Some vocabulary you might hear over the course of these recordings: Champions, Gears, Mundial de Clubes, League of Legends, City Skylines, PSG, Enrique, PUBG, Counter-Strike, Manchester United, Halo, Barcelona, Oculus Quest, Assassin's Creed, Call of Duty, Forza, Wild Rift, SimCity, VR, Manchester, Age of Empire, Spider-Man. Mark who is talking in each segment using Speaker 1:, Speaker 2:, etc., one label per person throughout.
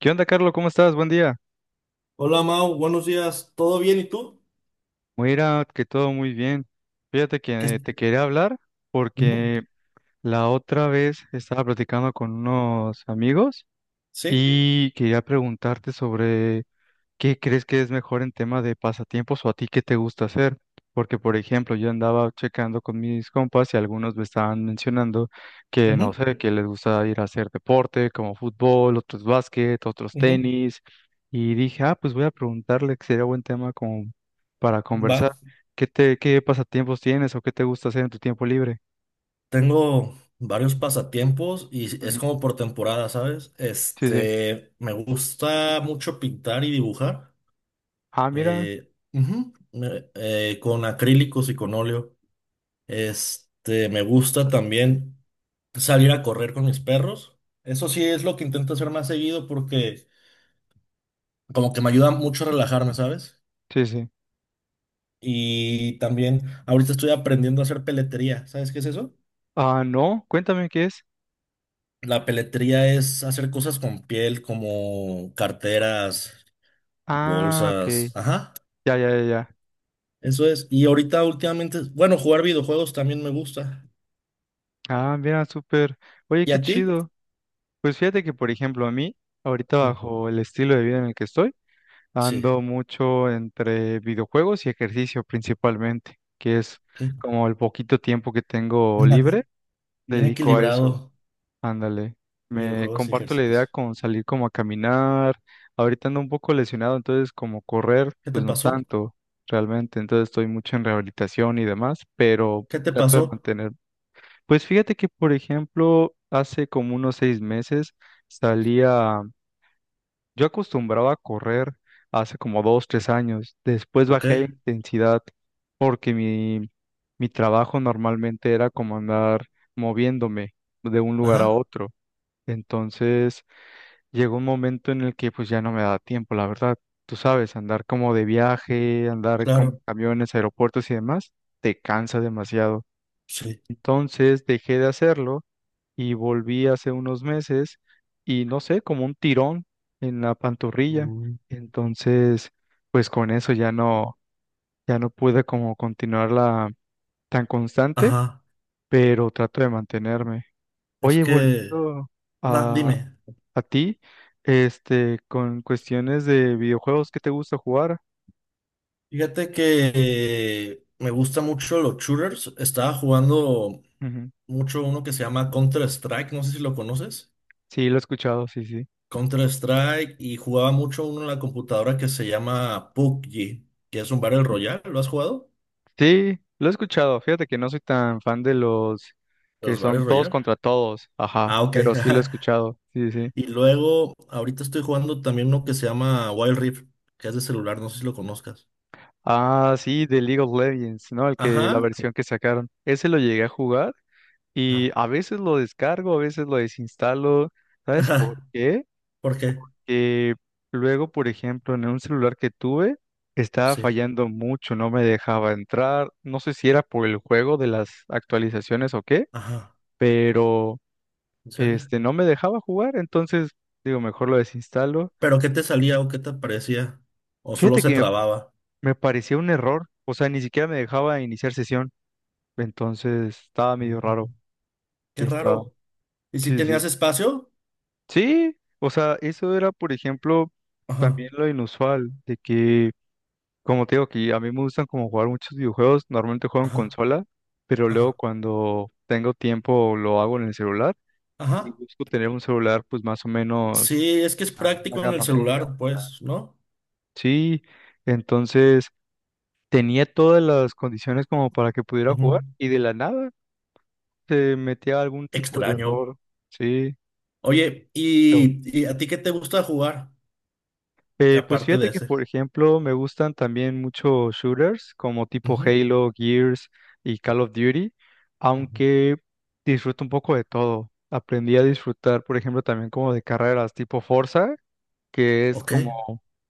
Speaker 1: ¿Qué onda, Carlos? ¿Cómo estás? Buen día.
Speaker 2: Hola Mau, buenos días. ¿Todo bien? ¿Y tú?
Speaker 1: Mira, que todo muy bien. Fíjate
Speaker 2: ¿Qué
Speaker 1: que
Speaker 2: es-
Speaker 1: te quería hablar
Speaker 2: Ujú.
Speaker 1: porque la otra vez estaba platicando con unos amigos
Speaker 2: Sí.
Speaker 1: y quería preguntarte sobre, ¿qué crees que es mejor en tema de pasatiempos, o a ti qué te gusta hacer? Porque, por ejemplo, yo andaba checando con mis compas y algunos me estaban mencionando que, no
Speaker 2: Ujú.
Speaker 1: sé, que les gusta ir a hacer deporte como fútbol, otros básquet, otros
Speaker 2: Ujú.
Speaker 1: tenis. Y dije, ah, pues voy a preguntarle, que sería buen tema como para
Speaker 2: Va.
Speaker 1: conversar. ¿Qué te, qué pasatiempos tienes o qué te gusta hacer en tu tiempo libre?
Speaker 2: Tengo varios pasatiempos y es
Speaker 1: Ujú,
Speaker 2: como por temporada, ¿sabes?
Speaker 1: sí, sí.
Speaker 2: Este, me gusta mucho pintar y dibujar,
Speaker 1: Ah, mira,
Speaker 2: ujú, con acrílicos y con óleo. Este, me gusta también salir a correr con mis perros. Eso sí es lo que intento hacer más seguido porque como que me ayuda mucho a relajarme, ¿sabes?
Speaker 1: sí, sí.
Speaker 2: Y también ahorita estoy aprendiendo a hacer peletería. ¿Sabes qué es eso?
Speaker 1: Ah, no, cuéntame qué es.
Speaker 2: La peletería es hacer cosas con piel como carteras,
Speaker 1: Ah, ok.
Speaker 2: bolsas. Ajá,
Speaker 1: Ya, ya, ya, ya.
Speaker 2: eso es. Y ahorita últimamente, bueno, jugar videojuegos también me gusta.
Speaker 1: Ah, mira, súper. Oye,
Speaker 2: ¿Y
Speaker 1: qué
Speaker 2: a ti?
Speaker 1: chido. Pues fíjate que, por ejemplo, a mí, ahorita, bajo el estilo de vida en el que estoy,
Speaker 2: Sí.
Speaker 1: ando mucho entre videojuegos y ejercicio principalmente, que es
Speaker 2: ¿Qué?
Speaker 1: como el poquito tiempo que tengo libre,
Speaker 2: Bien
Speaker 1: dedico a eso.
Speaker 2: equilibrado,
Speaker 1: Ándale. Me
Speaker 2: videojuegos y
Speaker 1: comparto la
Speaker 2: ejercicio.
Speaker 1: idea con salir como a caminar. Ahorita ando un poco lesionado, entonces como correr,
Speaker 2: ¿Qué te
Speaker 1: pues no
Speaker 2: pasó?
Speaker 1: tanto realmente. Entonces estoy mucho en rehabilitación y demás, pero
Speaker 2: ¿Qué te
Speaker 1: trato de
Speaker 2: pasó?
Speaker 1: mantenerme. Pues fíjate que, por ejemplo, hace como unos 6 meses salía, yo acostumbraba a correr hace como 2, 3 años, después
Speaker 2: ¿O
Speaker 1: bajé la intensidad porque mi trabajo normalmente era como andar moviéndome de un lugar a
Speaker 2: Ajá,
Speaker 1: otro. Entonces llegó un momento en el que pues ya no me da tiempo, la verdad. Tú sabes, andar como de viaje, andar con
Speaker 2: claro,
Speaker 1: camiones, aeropuertos y demás, te cansa demasiado.
Speaker 2: sí.
Speaker 1: Entonces dejé de hacerlo y volví hace unos meses y no sé, como un tirón en la pantorrilla.
Speaker 2: Mm.
Speaker 1: Entonces, pues con eso ya no pude como continuarla tan constante,
Speaker 2: Ajá,
Speaker 1: pero trato de mantenerme.
Speaker 2: es
Speaker 1: Oye,
Speaker 2: que,
Speaker 1: volviendo
Speaker 2: no,
Speaker 1: a,
Speaker 2: dime.
Speaker 1: a ti, este, con cuestiones de videojuegos, ¿qué te gusta jugar?
Speaker 2: Fíjate que me gusta mucho los shooters. Estaba jugando
Speaker 1: Ujú.
Speaker 2: mucho uno que se llama Counter-Strike, no sé si lo conoces.
Speaker 1: Sí, lo he escuchado, sí, sí.
Speaker 2: Counter-Strike y jugaba mucho uno en la computadora que se llama PUBG, que es un Battle Royale. ¿Lo has jugado?
Speaker 1: Sí, lo he escuchado. Fíjate que no soy tan fan de los que
Speaker 2: Los Battle
Speaker 1: son todos
Speaker 2: Royale.
Speaker 1: contra todos, ajá,
Speaker 2: Ah, ok.
Speaker 1: pero sí lo he escuchado, sí, sí.
Speaker 2: Y luego, ahorita estoy jugando también uno que se llama Wild Rift, que es de celular, no sé si lo conozcas.
Speaker 1: Ah, sí, de League of Legends, ¿no? El que, la
Speaker 2: Ajá.
Speaker 1: versión que sacaron. Ese lo llegué a jugar y
Speaker 2: Ajá.
Speaker 1: a veces lo descargo, a veces lo desinstalo. ¿Sabes por
Speaker 2: Ajá.
Speaker 1: qué?
Speaker 2: ¿Por qué?
Speaker 1: Que luego, por ejemplo, en un celular que tuve, estaba
Speaker 2: Sí.
Speaker 1: fallando mucho, no me dejaba entrar. No sé si era por el juego de las actualizaciones o qué,
Speaker 2: Ajá.
Speaker 1: pero
Speaker 2: ¿En serio?
Speaker 1: este no me dejaba jugar, entonces digo, mejor lo desinstalo.
Speaker 2: ¿Pero qué te salía o qué te parecía? ¿O solo
Speaker 1: Fíjate
Speaker 2: se
Speaker 1: que me,
Speaker 2: trababa?
Speaker 1: me parecía un error, o sea, ni siquiera me dejaba iniciar sesión. Entonces estaba medio
Speaker 2: Mm.
Speaker 1: raro.
Speaker 2: Qué
Speaker 1: Estaba.
Speaker 2: raro. ¿Y si
Speaker 1: Sí, sí.
Speaker 2: tenías
Speaker 1: Sí,
Speaker 2: espacio?
Speaker 1: sí, o sea, eso era, por ejemplo,
Speaker 2: Ajá,
Speaker 1: también lo inusual, de que, como te digo, que a mí me gustan como jugar muchos videojuegos, normalmente juego en
Speaker 2: ajá,
Speaker 1: consola, pero luego
Speaker 2: ajá,
Speaker 1: cuando tengo tiempo lo hago en el celular y
Speaker 2: ajá.
Speaker 1: busco tener un celular pues más o menos
Speaker 2: Sí, es que es
Speaker 1: a una
Speaker 2: práctico en el
Speaker 1: gama media.
Speaker 2: celular, pues, ¿no?
Speaker 1: Sí, entonces tenía todas las condiciones como para que pudiera
Speaker 2: Ujú.
Speaker 1: jugar y de la nada se metía algún tipo de
Speaker 2: Extraño.
Speaker 1: error. Sí.
Speaker 2: Oye, ¿y a ti qué te gusta jugar?
Speaker 1: Pues
Speaker 2: Aparte
Speaker 1: fíjate
Speaker 2: de
Speaker 1: que,
Speaker 2: ese.
Speaker 1: por ejemplo, me gustan también mucho shooters como tipo
Speaker 2: Ujú.
Speaker 1: Halo, Gears y Call of Duty,
Speaker 2: Ujú.
Speaker 1: aunque disfruto un poco de todo. Aprendí a disfrutar, por ejemplo, también como de carreras tipo Forza, que es
Speaker 2: Ok.
Speaker 1: como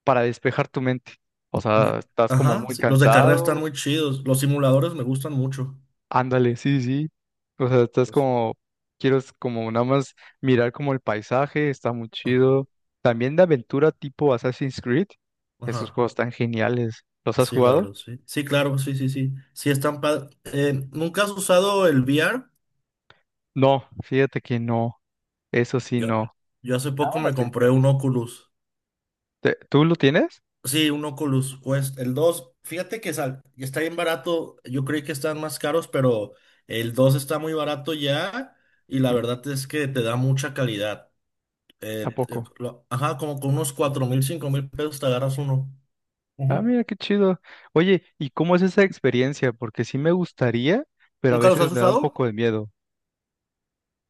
Speaker 1: para despejar tu mente. O
Speaker 2: Yo-
Speaker 1: sea, estás como
Speaker 2: Ajá,
Speaker 1: muy
Speaker 2: sí, los de carrera están
Speaker 1: cansado.
Speaker 2: muy chidos. Los simuladores me gustan mucho.
Speaker 1: Ándale, sí, sí, sí. O sea, estás
Speaker 2: Los-
Speaker 1: como, quiero es como nada más mirar como el paisaje, está muy
Speaker 2: Ajá.
Speaker 1: chido. También de aventura tipo Assassin's Creed, esos
Speaker 2: Ajá.
Speaker 1: juegos tan geniales. ¿Los has
Speaker 2: Sí, la
Speaker 1: jugado?
Speaker 2: verdad, sí. Sí, claro, sí, sí, sí. Sí, están ¿nunca has usado el VR?
Speaker 1: No, fíjate que no, eso sí
Speaker 2: Yo,
Speaker 1: no.
Speaker 2: yo hace poco
Speaker 1: Llama la
Speaker 2: me compré
Speaker 1: atención.
Speaker 2: un Oculus.
Speaker 1: ¿Tú lo tienes?
Speaker 2: Sí, un Oculus Quest. El 2, fíjate que está bien barato. Yo creí que están más caros, pero el 2 está muy barato ya. Y la
Speaker 1: Ujú.
Speaker 2: verdad es que te da mucha calidad.
Speaker 1: ¿A sí, poco?
Speaker 2: Ajá, como con unos 4,000, 5,000 pesos te agarras uno.
Speaker 1: Ah,
Speaker 2: Ujú.
Speaker 1: mira qué chido. Oye, ¿y cómo es esa experiencia? Porque sí me gustaría, pero a
Speaker 2: ¿Nunca los
Speaker 1: veces
Speaker 2: has
Speaker 1: me da un
Speaker 2: usado?
Speaker 1: poco de miedo.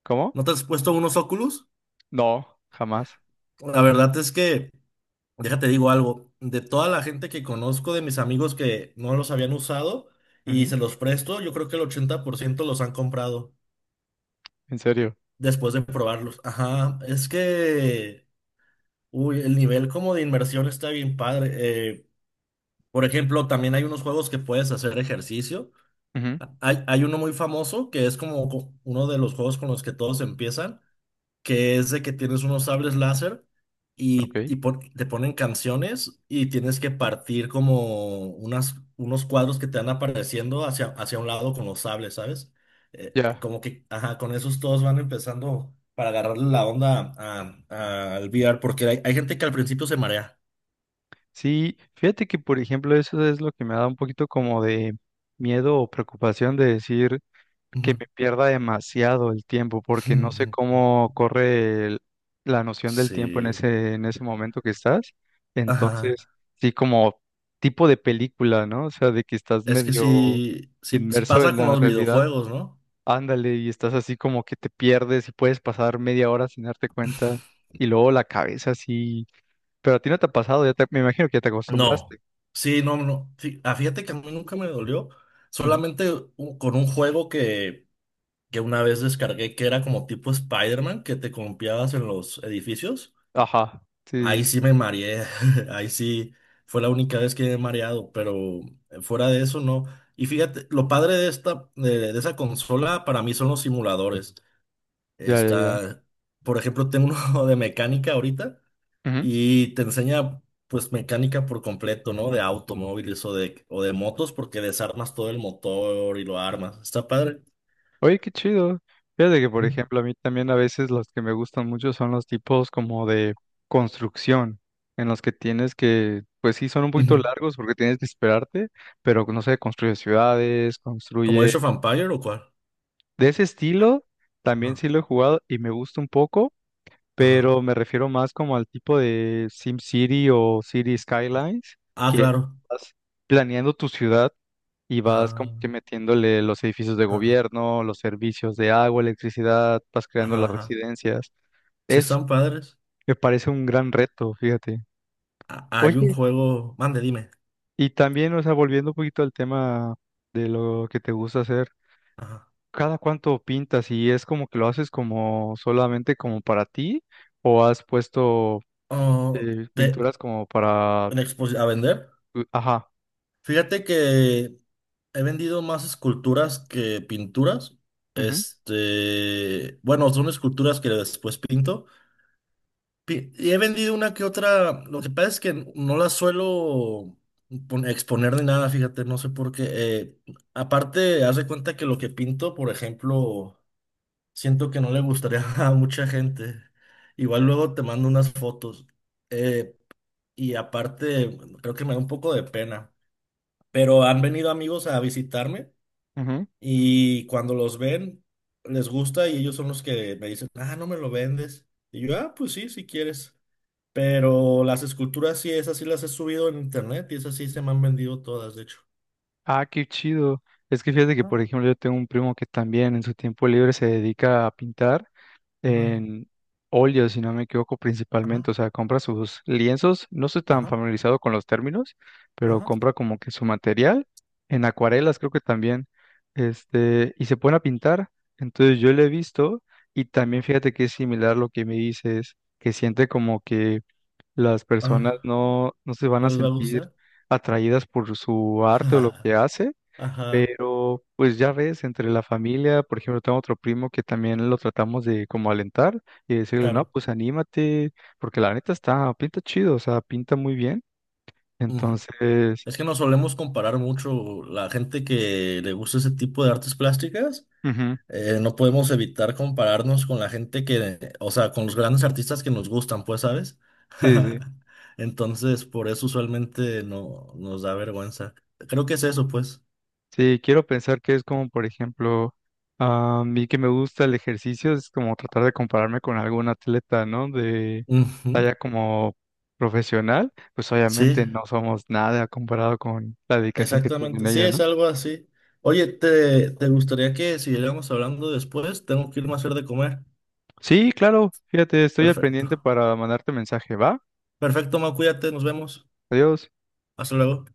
Speaker 1: ¿Cómo?
Speaker 2: ¿No te has puesto unos Oculus?
Speaker 1: No, jamás.
Speaker 2: La verdad es que. Déjate digo algo, de toda la gente que conozco, de mis amigos que no los habían usado y
Speaker 1: Ujú,
Speaker 2: se los presto, yo creo que el 80% los han comprado
Speaker 1: en serio.
Speaker 2: después de probarlos. Ajá, es que, uy, el nivel como de inmersión está bien padre. Eh, por ejemplo, también hay unos juegos que puedes hacer ejercicio.
Speaker 1: Ujú,
Speaker 2: Hay uno muy famoso que es como uno de los juegos con los que todos empiezan, que es de que tienes unos sables láser y,
Speaker 1: ok,
Speaker 2: y pon- te ponen canciones y tienes que partir como unas, unos cuadros que te van apareciendo hacia, un lado con los sables, ¿sabes?
Speaker 1: ya.
Speaker 2: Como que, ajá, con esos todos van empezando para agarrarle la onda al VR, porque hay gente que al principio se marea.
Speaker 1: Sí, fíjate que por ejemplo eso es lo que me da un poquito como de miedo o preocupación de decir que
Speaker 2: Ujú.
Speaker 1: me pierda demasiado el tiempo porque no sé cómo corre la noción del tiempo en
Speaker 2: Sí,
Speaker 1: ese en ese momento que estás.
Speaker 2: ajá.
Speaker 1: Entonces, sí como tipo de película, ¿no? O sea, de que estás
Speaker 2: Es que
Speaker 1: medio
Speaker 2: sí, sí, sí
Speaker 1: inmerso
Speaker 2: pasa
Speaker 1: en
Speaker 2: con
Speaker 1: la
Speaker 2: los
Speaker 1: realidad.
Speaker 2: videojuegos, ¿no?
Speaker 1: Ándale, y estás así como que te pierdes y puedes pasar media hora sin darte cuenta y luego la cabeza así, pero a ti no te ha pasado, me imagino que ya te acostumbraste.
Speaker 2: No, sí, no, no, sí, ah, fíjate que a mí nunca me dolió.
Speaker 1: Ujú.
Speaker 2: Solamente con un juego que una vez descargué que era como tipo Spider-Man, que te confiabas en los edificios.
Speaker 1: Ajá, sí, sí,
Speaker 2: Ahí sí me mareé. Ahí sí fue la única vez que me he mareado, pero fuera de eso no. Y fíjate, lo padre de esta, de esa consola para mí son los simuladores.
Speaker 1: ya, ya, ya.
Speaker 2: Está, por ejemplo, tengo uno de mecánica ahorita
Speaker 1: Ujú.
Speaker 2: y te enseña pues mecánica por completo, ¿no? De automóviles o de motos porque desarmas todo el motor y lo armas. Está padre.
Speaker 1: Oye, qué chido. Fíjate que, por
Speaker 2: Ujú.
Speaker 1: ejemplo, a mí también a veces los que me gustan mucho son los tipos como de construcción, en los que tienes que, pues sí, son un poquito
Speaker 2: Ujú.
Speaker 1: largos porque tienes que esperarte, pero no sé, construye ciudades,
Speaker 2: ¿Como
Speaker 1: construye...
Speaker 2: Age of Empire o cuál?
Speaker 1: De ese estilo, también
Speaker 2: Ah,
Speaker 1: sí lo he jugado y me gusta un poco,
Speaker 2: ajá.
Speaker 1: pero me refiero más como al tipo de SimCity o City Skylines,
Speaker 2: Ah,
Speaker 1: que
Speaker 2: claro.
Speaker 1: estás planeando tu ciudad y vas como
Speaker 2: Ah,
Speaker 1: que metiéndole los edificios de
Speaker 2: ajá,
Speaker 1: gobierno, los servicios de agua, electricidad, vas creando
Speaker 2: ajá,
Speaker 1: las
Speaker 2: ajá.
Speaker 1: residencias.
Speaker 2: Sí
Speaker 1: Es,
Speaker 2: están padres.
Speaker 1: me parece un gran reto, fíjate.
Speaker 2: Ah, hay un
Speaker 1: Oye,
Speaker 2: juego, mande, dime.
Speaker 1: y también, o sea, volviendo un poquito al tema de lo que te gusta hacer,
Speaker 2: Ajá.
Speaker 1: ¿cada cuánto pintas? ¿Y es como que lo haces como solamente como para ti? ¿O has puesto
Speaker 2: Oh, de,
Speaker 1: pinturas como para...
Speaker 2: a vender.
Speaker 1: Ajá.
Speaker 2: Fíjate que he vendido más esculturas que pinturas.
Speaker 1: Ujú,
Speaker 2: Este, bueno, son esculturas que después pinto. Y he vendido una que otra. Lo que pasa es que no las suelo exponer ni nada, fíjate, no sé por qué. Aparte, haz de cuenta que lo que pinto, por ejemplo, siento que no le gustaría a mucha gente. Igual luego te mando unas fotos. Eh, y aparte, creo que me da un poco de pena. Pero han venido amigos a visitarme
Speaker 1: ujú.
Speaker 2: y cuando los ven, les gusta y ellos son los que me dicen, ah, no me lo vendes. Y yo, ah, pues sí, si quieres. Pero las esculturas sí, esas sí las he subido en internet y esas sí se me han vendido todas, de hecho.
Speaker 1: Ah, qué chido. Es que fíjate que,
Speaker 2: Ajá,
Speaker 1: por ejemplo, yo tengo un primo que también en su tiempo libre se dedica a pintar
Speaker 2: ajá,
Speaker 1: en óleo, si no me equivoco,
Speaker 2: ajá,
Speaker 1: principalmente. O sea, compra sus lienzos. No estoy tan
Speaker 2: ajá,
Speaker 1: familiarizado con los términos, pero
Speaker 2: ajá,
Speaker 1: compra como que su material en acuarelas, creo que también. Este, y se pone a pintar. Entonces yo lo he visto y también
Speaker 2: ajá.
Speaker 1: fíjate que es similar lo que me dices, que siente como que las personas
Speaker 2: Ah,
Speaker 1: no se van
Speaker 2: ¿no
Speaker 1: a
Speaker 2: les va a
Speaker 1: sentir
Speaker 2: gustar?
Speaker 1: atraídas por su arte o lo que hace,
Speaker 2: Ajá,
Speaker 1: pero pues ya ves, entre la familia, por ejemplo, tengo otro primo que también lo tratamos de como alentar y decirle, no,
Speaker 2: claro.
Speaker 1: pues anímate, porque la neta está, pinta chido, o sea, pinta muy bien.
Speaker 2: Ujú.
Speaker 1: Entonces,
Speaker 2: Es que nos solemos comparar mucho la gente que le gusta ese tipo de artes plásticas,
Speaker 1: ujú,
Speaker 2: no podemos evitar compararnos con la gente que, o sea, con los grandes artistas que nos gustan, pues, ¿sabes?
Speaker 1: sí, sí,
Speaker 2: Entonces, por eso usualmente no nos da vergüenza. Creo que es eso, pues.
Speaker 1: sí, quiero pensar que es como, por ejemplo, a mí que me gusta el ejercicio, es como tratar de compararme con algún atleta, ¿no? De
Speaker 2: Ujú.
Speaker 1: talla como profesional, pues
Speaker 2: Sí,
Speaker 1: obviamente no somos nada comparado con la dedicación que tienen
Speaker 2: exactamente. Sí,
Speaker 1: ellos,
Speaker 2: es
Speaker 1: ¿no?
Speaker 2: algo así. Oye, ¿te gustaría que siguiéramos hablando después? Tengo que irme a hacer de comer.
Speaker 1: Sí, claro, fíjate, estoy al
Speaker 2: Perfecto.
Speaker 1: pendiente para mandarte mensaje, ¿va?
Speaker 2: Perfecto, Mau, cuídate, nos vemos.
Speaker 1: Adiós.
Speaker 2: Hasta luego.